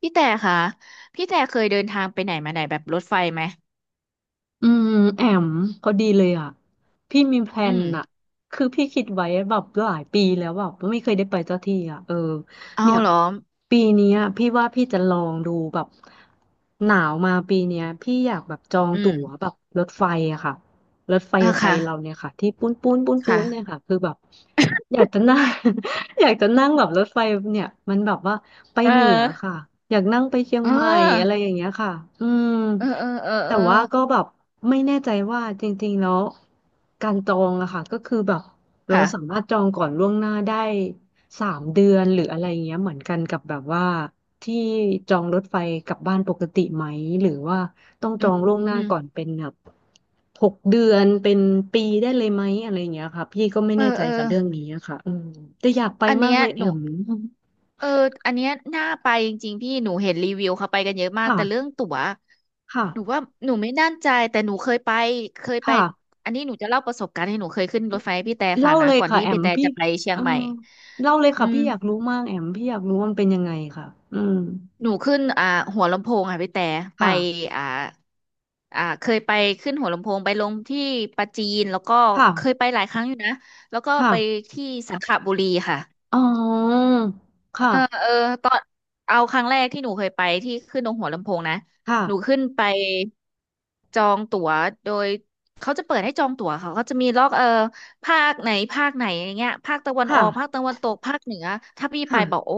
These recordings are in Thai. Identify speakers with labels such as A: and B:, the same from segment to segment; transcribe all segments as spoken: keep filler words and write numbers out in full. A: พี่แต่ค่ะพี่แต่เคยเดินทางไปไหนมาไหนแบบรถไฟไหม
B: อืมแอมพอดีเลยอ่ะพี่มีแพล
A: อื
B: น
A: ม
B: อ่ะคือพี่คิดไว้แบบหลายปีแล้วแบบไม่เคยได้ไปสักทีอ่ะเออ
A: เอา
B: เนี่ย
A: เหรอ
B: ปีเนี้ยพี่ว่าพี่จะลองดูแบบหนาวมาปีเนี้ยพี่อยากแบบจอง
A: อื
B: ตั๋
A: ม
B: วแบบรถไฟอะค่ะรถไฟ
A: อ่ะ
B: ไท
A: ค่ะ
B: ยเราเนี่ยค่ะที่ปุ้นปุ้นปุ้นปุ้
A: ค่ะ
B: นเลยค่ะคือแบบอยากจะนั่ง อยากจะนั่งแบบรถไฟเนี่ยมันแบบว่าไป
A: เออ
B: เหนือค่ะอยากนั่งไปเชียง
A: เอ
B: ใหม่อะไร
A: อ
B: อย่างเงี้ยค่ะอืม
A: เออเออเออเอ
B: แต่
A: อ
B: ว่าก็แบบไม่แน่ใจว่าจริงๆแล้วการจองอะค่ะก็คือแบบเราสา
A: ค่ะ
B: มารถจองก่อนล่วงหน้าได้สามเดือนหรืออะไรเงี้ยเหมือนกันกับแบบว่าที่จองรถไฟกลับบ้านปกติไหมหรือว่าต้อง
A: อื
B: จอ
A: ม
B: งล่วงหน้า
A: อืม
B: ก่อนเป็นแบบหกเดือนเป็นปีได้เลยไหมอะไรเงี้ยค่ะพี่ก็ไม่
A: เออ
B: แน่ใจ
A: เออ
B: กับเรื่องนี้อะค่ะอืมแต่อยากไป
A: อัน
B: มาก
A: เนี้ย
B: เลยแอ
A: หนู
B: ม
A: เอออันเนี้ยน่าไปจริงๆพี่หนูเห็นรีวิวเขาไปกันเยอะมากแต่เรื่อง
B: ค่ะ
A: ตั๋ว
B: ค่ะ
A: หนูว่าหนูไม่แน่ใจแต่หนูเคยไปเคยไป
B: ค่ะ
A: อันนี้หนูจะเล่าประสบการณ์ให้หนูเคยขึ้นรถไฟให้พี่แต่ฟั
B: เล่า
A: งนะ
B: เลย
A: ก่อน
B: ค่ะ
A: ที่
B: แอ
A: พี่
B: ม
A: แต่
B: พี่
A: จะไปเชีย
B: เอ
A: ง
B: อ
A: ใหม่
B: เล่าเลย
A: อื
B: ค่ะ
A: ม
B: พี่อยากรู้มากแอมพี่อยากรู้ว่ามันเป็นยังไงค่ะอืม
A: หนูขึ้นอ่าหัวลำโพงค่ะพี่แต่ไป
B: ค่ะ
A: อ่าอ่าเคยไปขึ้นหัวลำโพงไปลงที่ปราจีนแล้วก็เคย
B: ค่ะ
A: ไปหลายครั้งอยู่นะแล้วก็ไป
B: ค่ะ
A: ที่สังขบุรีค่ะ
B: อ๋อ
A: เออ
B: ค่ะ
A: เออตอนเอาครั้งแรกที่หนูเคยไปที่ขึ้นตรงหัวลำโพงนะ
B: ค่ะ
A: หนูขึ้นไปจองตั๋วโดยเขาจะเปิดให้จองตั๋วเขาก็จะมีล็อกเออภาคไหนภาคไหนอย่างเงี้ยภาคตะวันอ
B: ค่ะ
A: อกภาคตะวันตกภาคเหนือถ้าพี่ไป
B: ค่ะ
A: บอกโอ้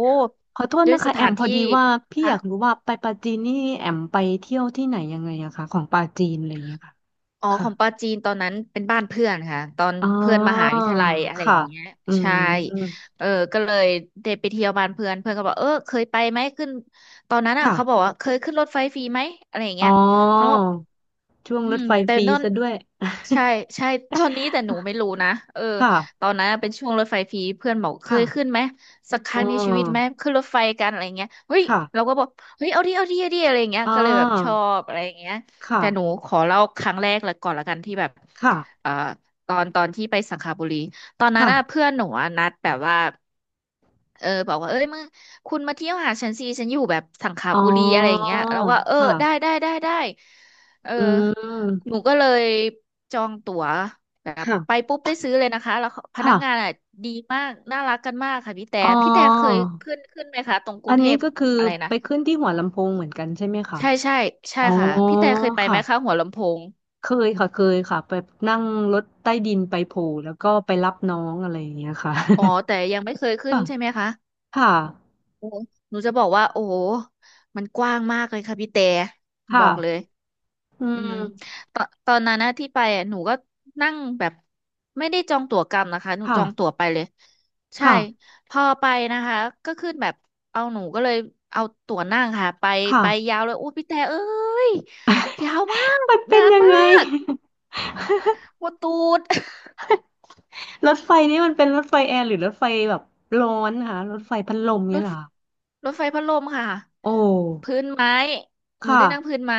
B: ขอโทษ
A: ด้วย
B: นะ
A: ส
B: คะแอ
A: ถา
B: ม
A: น
B: พอ
A: ที่
B: ดีว่าพี่อ
A: คะ
B: ยากรู้ว่าไปปาจีนนี่แอมไปเที่ยวที่ไหนยังไงอะคะของปาจีนอะไรอย่างเงี้ยค่ะ
A: อ๋อข
B: ค่ะ
A: องปาจีนตอนนั้นเป็นบ้านเพื่อนค่ะตอน
B: อ๋อ
A: เพื่อนมหาวิทยาลัยอะไรอ
B: ค่ะ
A: ย่างเงี้ย
B: อื
A: ใช่
B: ม
A: เออก็เลยได้ไปเที่ยวบ้านเพื่อนเพื่อนก็บอกเออเคยไปไหมขึ้นตอนนั้นอ่ะ
B: ค่ะ
A: เขาบอกว่าเคยขึ้นรถไฟฟรีไหมอะไรอย่าง
B: อ๋อ
A: เงี้ยเขาบอก
B: ช่วง
A: อื
B: รถ
A: ม
B: ไฟ
A: แต่
B: ฟรี
A: ตอน
B: ซะด้วย
A: ใช่ใช่ ตอนนี้แต่หนูไม่รู้นะเออ
B: ค
A: ตอ
B: ่ะ
A: นนั้นอะเป็นช่วงรถไฟฟรีเพื่อนบอกเคยขึ้น
B: ค่ะ
A: ไหมสักค
B: อ๋
A: รั้งในชีวิตไหม
B: อ
A: ขึ้นรถไฟกันอะไรอย่างเงี้ยเฮ้ย
B: ค่ะ
A: เราก็บอกเฮ้ยเอาดิเอาดิเอาดิอะไรอย่างเงี้ย
B: อ่
A: ก็เลยแบบชอ
B: า
A: บอะไรอย่างเงี้ย
B: ค่ะ
A: แต่หนูขอเล่าครั้งแรกแล้วก่อนละกันที่แบบ
B: ค่ะ
A: เอ่อตอนตอนที่ไปสังขบุรีตอนนั้นน่ะ
B: ค่ะ
A: เพื่อนหนูอะนัดแบบว่าเออบอกว่าเอ้ยมึงคุณมาเที่ยวหาฉันสิฉันอยู่แบบสังข
B: อ๋อ
A: บุรีอะไรอย่างเงี้ยแล้วก็เออ
B: ค่ะ
A: ได้ได้ได้ได้เออ
B: อื
A: ห
B: ม
A: นูก็เลยจองตั๋วแบบไป
B: ค่ะ
A: ปุ๊บได้ซื้อเลยนะคะแล้วพนักงาน
B: ค่ะ
A: อ่ะดีมากน่ารักกันมากค่ะพี่แต่
B: อ๋อ
A: พี่แต่เคยขึ้นขึ้นไหมคะตรงก
B: อั
A: รุง
B: น
A: เท
B: นี้
A: พ
B: ก็คือ
A: อะไรนะ
B: ไปขึ้นที่หัวลำโพงเหมือนกันใช่ไหมคะ
A: ใช่ใช่ใช่
B: อ๋อ
A: ค่ะพี่แต่เคยไปไห
B: ค่ะ
A: มคะหัวลำโพง
B: เคยค่ะเคยค่ะไปนั่งรถใต้ดินไปโผล่แล้วก็ไปรับน้องอะไรอย่างเงี้ยค่ะ
A: อ๋อแต่ยังไม่เคย ขึ้น
B: ค่ะ
A: ใช่ไหมคะ
B: ค่ะ
A: โอ้โหหนูจะบอกว่าโอ้โหมันกว้างมากเลยค่ะพี่แต่บอกเลย
B: ค่ะอื
A: อืม
B: ม
A: ตอนตอนนั้นนะที่ไปอ่ะหนูก็นั่งแบบไม่ได้จองตั๋วกลับนะคะหนูจองตั๋ว
B: ค่ะ
A: ไปเลยใช่
B: ค่ะ
A: พอไปนะคะก็ขึ้นแบบเอาหนูก็เลยเอาตั๋วนั่งค่ะไปไป
B: ค่ะ
A: ยาวเลยโอ้พี่แต่เอ้ยยาวมาก
B: มันเป็
A: นา
B: น
A: น
B: ยัง
A: มา
B: ไง
A: กปวดตูด
B: รถไฟนี่มันเป็นรถไฟแอร์หรือรถไฟแบบร้อนค่ะรถไฟพัดลม
A: ร
B: เนี่ย
A: ถ
B: เหรอ
A: รถไฟพัดลมค่ะ
B: โอ้
A: พื้นไม้หนู
B: ค่ะ
A: ได้นั่งพื้นไม้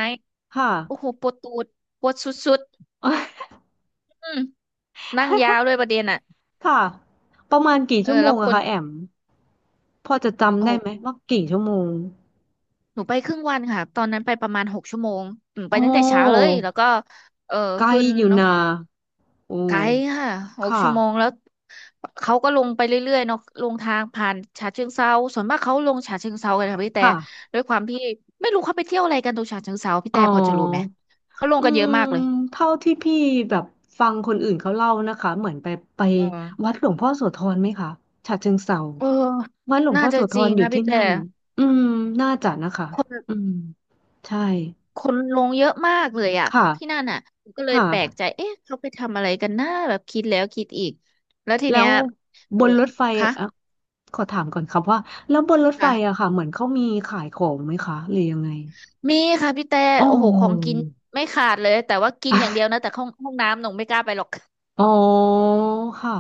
B: ค่ะ
A: โอ้โหปวดตูดปวดสุด
B: เอ้ย
A: ๆอืมนั่งยาวด้วยประเด็นอ่ะ
B: ค่ะประมาณกี่
A: เออ
B: ชั่วโม
A: แล้
B: ง
A: วค
B: อะ
A: น
B: คะแอมพอจะจำ
A: โอ้
B: ได้
A: โห
B: ไหมว่ากี่ชั่วโมง
A: หนูไปครึ่งวันค่ะตอนนั้นไปประมาณหกชั่วโมงอืมไป
B: โอ้
A: ตั้งแต่เช้าเลยแล้วก็เออ
B: ไกล
A: ขึ้น
B: อยู่นะโอ้
A: ไกด์ค่ะหก
B: ค่ะ
A: ชั่วโมงแล้วเขาก็ลงไปเรื่อยๆเนาะลงทางผ่านฉะเชิงเทราส่วนมากเขาลงฉะเชิงเทรากันค่ะพี่แต่
B: ค่ะ
A: ด้วยความที่ไม่รู้เขาไปเที่ยวอะไรกันตรงฉะเชิงเทราพี่
B: อ๋
A: แต่พอจะรู้ไหม
B: อ
A: เขาลง
B: อื
A: กันเย
B: ม
A: อะมากเลย
B: เท่าที่พี่แบบฟังคนอื่นเขาเล่านะคะเหมือนไปไป
A: เอ
B: วัด
A: อ
B: หลวงพ่อโสธรไหมคะฉะเชิงเทรา
A: เออ
B: วัดหลวง
A: น่า
B: พ่อโส
A: จะ
B: ธ
A: จริ
B: ร
A: ง
B: อยู่
A: นะ
B: ที่
A: พี่แต่
B: นั่นอืมน่าจะนะคะ
A: คน
B: อืมใช่
A: คนลงเยอะมากเลยอะ
B: ค่ะ
A: ที่นั่นอ่ะก็เลยแปลก
B: ค่ะ
A: ใจเอ๊ะเขาไปทำอะไรกันนะแบบคิดแล้วคิดอีกแล้วที
B: แล้
A: เนี้
B: ว
A: ยเอ
B: บ
A: อ
B: นรถไฟ
A: คะ
B: อ่ะขอถามก่อนครับว่าแล้วบนรถไฟ
A: ค่ะ
B: อะค่ะเหมือนเขามีขายของไหมคะหรือยังไง
A: มีค่ะพี่แต่
B: อ๋
A: โอ้โหของกิ
B: อ
A: นไม่ขาดเลยแต่ว่ากินอย่างเดียวนะแต่ห้องห้องน้ำหนูไม่กล้าไปหรอก
B: อ๋อค่ะ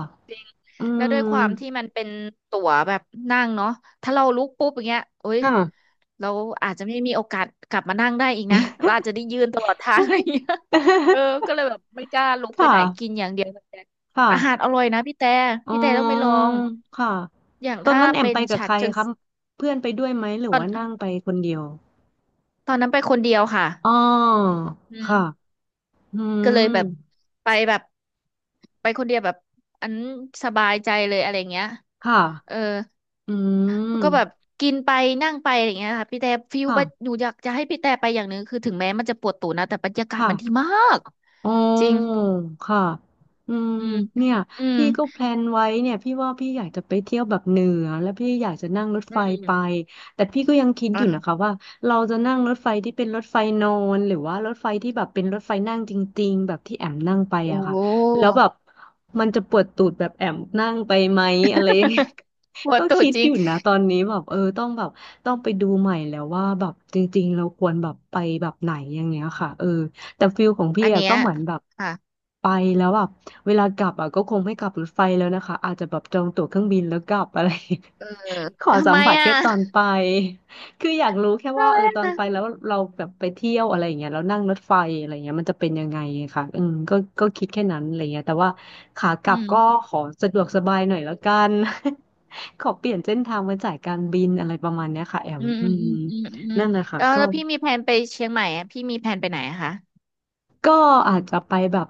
B: อื
A: แล้วด้วยความที่
B: ม
A: มันเป็นตั๋วแบบนั่งเนาะถ้าเราลุกปุ๊บอย่างเงี้ยโอ้ย
B: ค่ะ
A: เราอาจจะไม่มีโอกาสกลับมานั่งได้อีกนะเราอาจจะได้ยืนตลอดทางอะไรอย่างเงี้ย เออก็ เลยแบบไม่กล้าลุกไป
B: ค่ะ
A: ไหนกินอย่างเดียวแต่
B: ค่ะ
A: อาหารอร่อยนะพี่แต่
B: อ๋อ
A: พี่แต่ต้องไปลอง
B: ค่ะ
A: อย่าง
B: ตอน
A: ถ้า
B: นั้นแอม
A: เป็
B: ไป
A: น
B: กับ
A: ฉะ
B: ใคร
A: เชิง
B: ครับเพื่อนไปด้วยไหมหรือ
A: ตอน
B: ว่านั่งไปคนเดียว
A: ตอนนั้นไปคนเดียวค่ะ
B: อ๋อ
A: อื
B: ค่ะ
A: ม
B: อื
A: ก็เลย
B: ม
A: แบบไปแบบไปคนเดียวแบบอันสบายใจเลยอะไรเงี้ย
B: ค่ะ
A: เออ
B: อื
A: ก็แบบ
B: ม
A: กินไปนั่งไปอะไรอย่างเงี้ยค่ะพี่แต่ฟิล
B: ค่ะ
A: บัดหนูอยากจะให้พี่แต่ไปอย่างหนึ่งคือถึงแม้มันจะปวดตูดนะแต่บรรยากาศมันดี
B: ค่ะ
A: มาก
B: อ๋อ
A: จริง
B: ค่ะอืม
A: อืม
B: เนี่ย
A: อืม
B: พี่ก็แพลนไว้เนี่ยพี่ว่าพี่อยากจะไปเที่ยวแบบเหนือแล้วพี่อยากจะนั่งรถ
A: อื
B: ไฟ
A: ม
B: ไปแต่พี่ก็ยังคิดอ
A: อ่ะ
B: ยู่นะคะว่าเราจะนั่งรถไฟที่เป็นรถไฟนอนหรือว่ารถไฟที่แบบเป็นรถไฟนั่งจริงๆแบบที่แอมนั่งไป
A: โอ้
B: อะ
A: โ
B: ค่ะแล้วแบ
A: ห
B: บมันจะปวดตูดแบบแอมนั่งไปไหมอะไรอย่างเงี้ย
A: ป วด
B: ก็
A: ตูด
B: คิด
A: จริ
B: อ
A: ง
B: ยู่นะตอนนี้แบบเออต้องแบบต้องไปดูใหม่แล้วว่าแบบจริงๆเราควรแบบไปแบบไหนอย่างเงี้ยค่ะเออ แต่ฟิลของพี่
A: อัน
B: อะ
A: เนี้
B: ก็
A: ย
B: เหมือนแบบ
A: ค่ะ
B: ไปแล้วแบบเวลากลับอะก็คงไม่กลับรถไฟแล้วนะคะอาจจะแบบจองตั๋วเครื่องบินแล้วกลับอะไร
A: เออ
B: ขอ
A: ทำ
B: สั
A: ไม
B: มผัส
A: อ่ะ
B: แค่ตอนไปคืออยากรู้แค่
A: ทำ
B: ว่า
A: ไม
B: เออตอน
A: อ่ะ
B: ไปแล้วเราแบบไปเที่ยวอะไรอย่างเงี้ยแล้วนั่งรถไฟอะไรอย่างเงี้ยมันจะเป็นยังไงอะค่ะอืมก็ก็คิดแค่นั้นอะไรเงี้ยแต่ว่าขากลั
A: อื
B: บก็
A: ม
B: ขอสะดวกสบายหน่อยแล้วกัน ขอเปลี่ยนเส้นทางมาจ่ายการบินอะไรประมาณเนี้ยค่ะแอม
A: อืม
B: อื
A: อืม
B: ม
A: อืมอืมอืม
B: นั่นแหละค่ะ
A: แล้ว
B: ก็
A: แล้วพี่มีแผนไปเชียงใหม่อ่ะพี่มีแผนไปไหนอะคะ
B: ก็อาจจะไปแบบ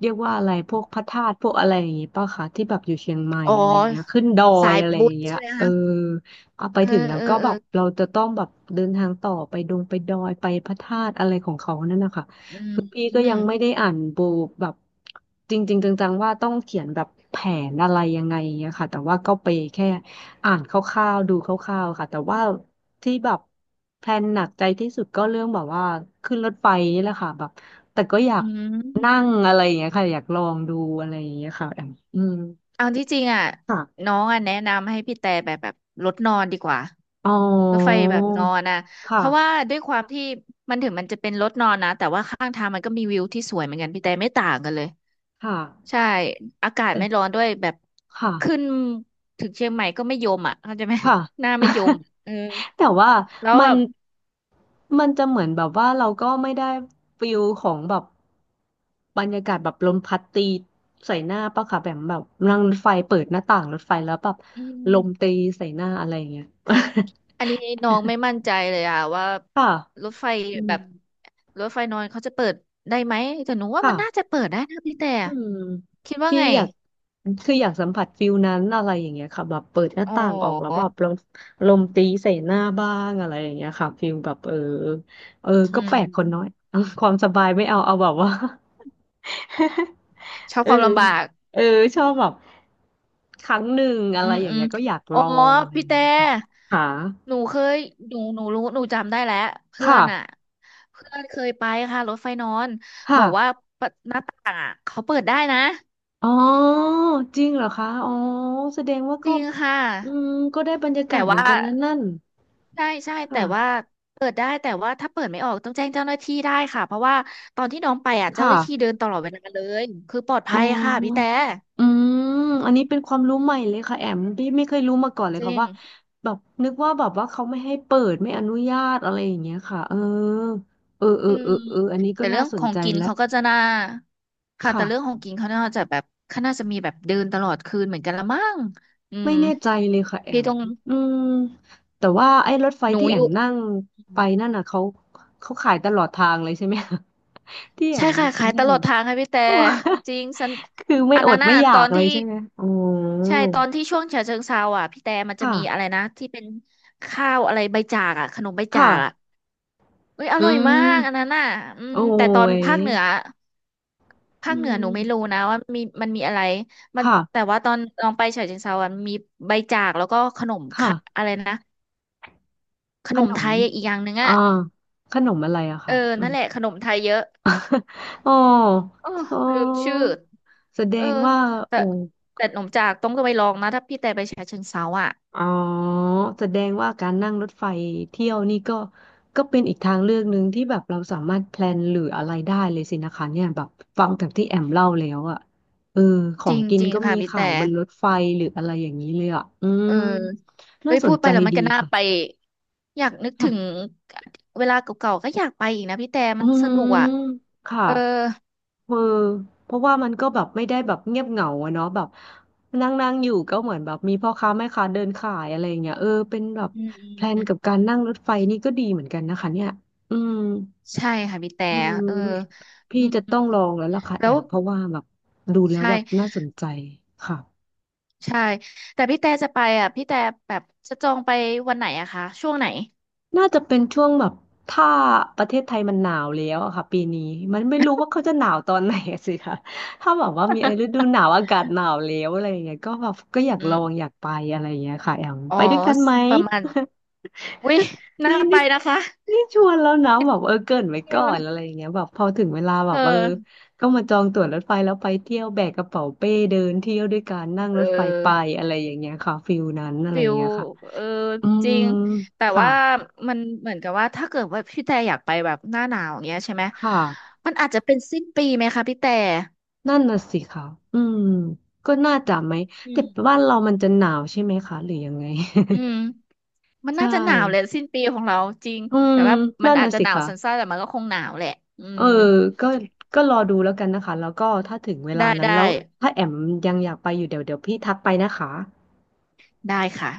B: เรียกว่าอะไรพวกพระธาตุพวกอะไรอย่างงี้ป่ะคะที่แบบอยู่เชียงใหม่
A: อ๋อ
B: อะไรอย่างเงี้ยขึ้นดอ
A: สา
B: ย
A: ย
B: อะไรอ
A: บุ
B: ย่า
A: ญ
B: งเงี้ย
A: ใช่ไหม
B: เออ
A: คะ
B: เอาไป
A: เออ
B: ถึงแล้ว
A: เออ
B: ก็
A: เอ
B: แบ
A: อ
B: บเราจะต้องแบบเดินทางต่อไปดงไปดอยไปพระธาตุอะไรของเขานั่นนะคะ
A: อืม
B: คือพี่
A: อื
B: ก็ยั
A: ม
B: งไม่ได้อ่านบูแบบจริงๆจังๆว่าต้องเขียนแบบแผนอะไรยังไงอย่างเงี้ยค่ะแต่ว่าก็ไปแค่อ่านคร่าวๆดูคร่าวๆค่ะแต่ว่าที่แบบแพลนหนักใจที่สุดก็เรื่องแบบว่าขึ้นรถไฟนี่แหละค่ะแบบ แต่ก็อยา
A: อื
B: กนั่
A: ม
B: งอะไรอย่างเงี้ยค่ะอยากลองดูอะไรอย่างเงี้ยค่ะแอมอืม
A: เอาที่จริงอ่ะ
B: ค่ะ
A: น้องอ่ะแนะนำให้พี่แต่แบบแบบรถนอนดีกว่า
B: อ๋อ
A: รถไฟแบบนอนอ่ะเพ
B: ค่ะ
A: ราะว่าด้วยความที่มันถึงมันจะเป็นรถนอนนะแต่ว่าข้างทางมันก็มีวิวที่สวยเหมือนกันพี่แต่ไม่ต่างกันเลย
B: ค่ะ
A: ใช่อากาศไม่ร้อ
B: แต่
A: นด้วยแบบ
B: ค่ะ
A: ขึ้นถึงเชียงใหม่ก็ไม่ยมอ่ะเข้าใจไหม
B: ค่ะ
A: หน้าไม่ยม เออ
B: แต่ว่า
A: แล้ว
B: มั
A: แบ
B: น
A: บ
B: มันจะเหมือนแบบว่าเราก็ไม่ได้ฟิลของแบบบรรยากาศแบบลมพัดตีใส่หน้าปะค่ะแบบแบบนั่งรถไฟเปิดหน้าต่างรถไฟแล้วแบบ
A: อื
B: ลม
A: ม
B: ตีใส่หน้าอะไรอย่างเงี้ย
A: อันนี้น้องไม่มั่นใจเลยอะว่า
B: ค่ะ
A: รถไฟ
B: อื
A: แบ
B: ม
A: บรถไฟนอนเขาจะเปิดได้ไหมแต่หนูว่ามันน่าจะ
B: ค่ะ
A: เปิดได้นะพี่แต่
B: อืม
A: คิดว่า
B: พี่
A: ไง
B: อยากคืออยากสัมผัสฟิลนั้นอะไรอย่างเงี้ยค่ะแบบเปิดหน้า
A: อ๋
B: ต่างออกแล้วแบ
A: อ
B: บลมลมตีใส่หน้าบ้างอะไรอย่างเงี้ยค่ะฟิลแบบเออเออ
A: อื
B: ก็แปล
A: ม
B: กคนน้อย เอาความสบายไม่เอาเอาแบบว่า
A: ชอ บ
B: เอ
A: ค
B: อ
A: วามลำบาก
B: เออชอบแบบครั้งหนึ่งอะ
A: อื
B: ไร
A: ม
B: อย่าง
A: อืม
B: เงี้ยก็อยาก
A: อ๋
B: ล
A: อ
B: องอะไรอ
A: พี่
B: ย่าง
A: แต่
B: เงี้ยค่ะค่ะ
A: หนูเคยหนูหนูรู้หนูจำได้แล้วเพื่อ
B: ค่ะ
A: นอะเพื่อนเคยไปค่ะรถไฟนอนบอกว่า
B: ค่ะ
A: หน้าต่างอะเขาเปิดได้นะ
B: อ๋อจริงเหรอคะอ๋อแสดงว่า
A: จ
B: ก็
A: ริงค่ะ
B: อืมก็ได้บรรยากา
A: แต่
B: ศเหมือ
A: ว่า
B: นกันนั่นนั่น
A: ใช่ใช่แต่
B: ค่ะ
A: ว่าเปิดได้แต่ว่าถ้าเปิดไม่ออกต้องแจ้งเจ้าหน้าที่ได้ค่ะเพราะว่าตอนที่น้องไปอ่ะเจ้าหน้าที่
B: ค่ะ
A: เดินตลอดเวลาเลยคือปลอด
B: อ๋
A: ภัยค่ะพี่แต่
B: ออืมอันนี้เป็นความรู้ใหม่เลยค่ะแอมพี่ไม่เคยรู้มาก่อนเลย
A: จ
B: ค่ะ
A: ริง
B: ว่าแบบนึกว่าแบบว่าเขาไม่ให้เปิดไม่อนุญาตอะไรอย่างเงี้ยค่ะเออเออเอ
A: อื
B: อเอ
A: ม
B: อเอออันนี้ก็
A: แต่เรื่
B: น่า
A: อง
B: ส
A: ข
B: น
A: อง
B: ใจ
A: กิน
B: ละ
A: เขาก็จะน่าค่ะแต่
B: ค่ะ
A: เรื่องของกินเขาน่าจะแบบเขาน่าจะมีแบบเดินตลอดคืนเหมือนกันละมั้งอื
B: ไม่
A: ม
B: แน่ใจเลยค่ะแอ
A: พี่
B: ม
A: ต้อง
B: อืมแต่ว่าไอ้รถไฟ
A: หนู
B: ที่แอ
A: อ
B: ม
A: ยู่
B: นั่งไปนั่นน่ะเขาเขาขายตลอดทางเลยใช่ไหมคะ ที่แอ
A: ใช่
B: ม
A: ค่ะขายต
B: นั่ง
A: ลอดทางค่ะพี่แต่จริงสัน
B: คือไม่
A: อัน
B: อ
A: นั้
B: ด
A: นน่ะ
B: ไม่อยา
A: ตอ
B: ก
A: น
B: เลย
A: ที่
B: ใช่ไหมอ๋อ
A: ใช่ตอนที่ช่วงฉะเชิงเทราอ่ะพี่แต่มันจะมีอะไร
B: ค่ะ
A: นะที่เป็นข้าวอะไรใบจากอ่ะขนมใบจา
B: ค่ะ
A: กอ่ะเอ้ยอ
B: อื
A: ร่อย
B: ม
A: มากอันนั้นน่ะอืม
B: โอ้
A: แต่ตอน
B: ย
A: ภาคเหนือ
B: อื
A: ภาคเหนือหนู
B: ม
A: ไม่รู้นะว่ามีมันมีอะไรมันแต่
B: ค่ะ
A: ว่าตอนลองไปฉะเชิงเทราอ่ะมีใบจากแล้วก็ขนม
B: ค่ะ
A: ขะอะไรนะข
B: ข
A: นม
B: น
A: ไท
B: ม
A: ยอีกอย่างหนึ่งอ่ะ
B: อ่าขนมอะไรอะ
A: เออ
B: ค่ะมั
A: นั่
B: น
A: นแหละขนมไทยเยอะ
B: อ๋อ
A: โอ้
B: อ๋อ
A: ลืมชื่อ
B: แสด
A: เออ
B: งว่า
A: แต่
B: โอ้
A: แต่หนมจากต้องก็ไปลองนะถ้าพี่แต่ไปฉะเชิงเทราอ่ะ
B: อ๋อแสดงว่าการนั่งรถไฟเที่ยวนี่ก็ก็เป็นอีกทางเลือกหนึ่งที่แบบเราสามารถแพลนหรืออะไรได้เลยสินะคะเนี่ยแบบฟังจากที่แอมเล่าแล้วอะเออขอ
A: จ
B: ง
A: ริง
B: กิน
A: จริง
B: ก็
A: ค่ะ
B: มี
A: พี่
B: ขาย
A: แต่
B: บนรถไฟหรืออะไรอย่างนี้เลยอะอื
A: เอ
B: ม
A: อ
B: น่า
A: เอ้ย
B: ส
A: พู
B: น
A: ดไป
B: ใจ
A: แล้วมัน
B: ดี
A: ก็น่า
B: ค่
A: ไปอยากนึก
B: ะ
A: ถึงเวลาเก่าๆก็อยากไปอีกนะพี่แต่
B: อื
A: มันส
B: ม
A: นุกอ่ะ
B: ค่ะ
A: เออ
B: เออเพราะว่ามันก็แบบไม่ได้แบบเงียบเหงาอะเนาะแบบนั่งนั่งอยู่ก็เหมือนแบบมีพ่อค้าแม่ค้าเดินขายอะไรอย่างเงี้ยเออเป็นแบบ
A: อืม
B: แพลน
A: อืม
B: กับการนั่งรถไฟนี่ก็ดีเหมือนกันนะคะเนี่ยอืม
A: ใช่ค่ะพี่แต่
B: อืม
A: เอออื
B: พี่
A: ม
B: จะต้องลองแล้วล่ะค่ะแอ
A: แล้ว
B: มเพราะว่าแบบดูแล้ว
A: ใช่
B: แบบน่าสนใจค่ะ
A: ใช่แต่พี่แต่จะไปอ่ะพี่แต่แบบจะจองไปวันไหนอะคะช่วงไหน
B: น่าจะเป็นช่วงแบบถ้าประเทศไทยมันหนาวแล้วอะค่ะปีนี้มันไม่รู้ว่าเขาจะหนาวตอนไหนอะสิคะ ถ้าแบบว่ามีฤดูหนาวอากาศหนาวแล้วอะไรอย่างเงี้ยก็แบบก็อยาก
A: อื
B: ลองอ
A: ม
B: ยากไปอะไรอย่างเงี้ยค่ะแอม
A: อ๋อ
B: ไปด้วยกันไหม
A: ประมาณ วิน่า
B: นี่
A: ไป
B: นี่
A: นะคะ
B: นี่ชวนแล้วนะแบบเออเกริ่นไว้ก่อนอะ
A: เออ
B: ไรอย่างเงี้ยแบบพอถึงเวลาแบ
A: เอ
B: บเออ
A: อ
B: ก็มาจองตั๋วรถไฟแล้วไปเที่ยวแบกกระเป๋าเป้เดินเที่ยวด้วยกันนั่ง
A: เ
B: รถไฟไป
A: ออ
B: อะไรอย่างเงี้ยค่ะฟิลนั้นอะไร
A: ฟิ
B: อย่าง
A: ล
B: เงี้ยค่ะ
A: เออ
B: อื
A: จ
B: ม
A: ริงแต่
B: ค่ะ
A: ว่ามันเหมือนกับว่าถ้าเกิดว่าพี่แต่อยากไปแบบหน้าหนาวอย่างเงี้ยใช่ไหม
B: ค่ะ
A: มันอาจจะเป็นสิ้นปีไหมคะพี่แต่
B: นั่นน่ะสิค่ะอืม ก็น่าจะไหม
A: อื
B: แต่
A: ม
B: บ้านเรามันจะหนาวใช่ไหมคะหรือยังไง
A: อืมมั นน่า
B: ใช่
A: จะหนาวแหละสิ้นปีของเราจริง
B: อืม
A: แต่ว่ามัน
B: นั่น
A: อาจ
B: น่ะ
A: จะ
B: สิ
A: หนาว
B: ค่ะ
A: สั้นๆแต่มันก็คงหนาวแหละอื
B: เอ
A: ม
B: อก็ก็รอดูแล้วกันนะคะ แล้วก็ถ้าถึงเวลา
A: ได้
B: นั้น
A: ได้
B: แล้วถ้าแอมยังอยากไปอยู่เดี๋ยวเดี๋ยวพี่ทักไปนะคะ
A: ได้ค่ะ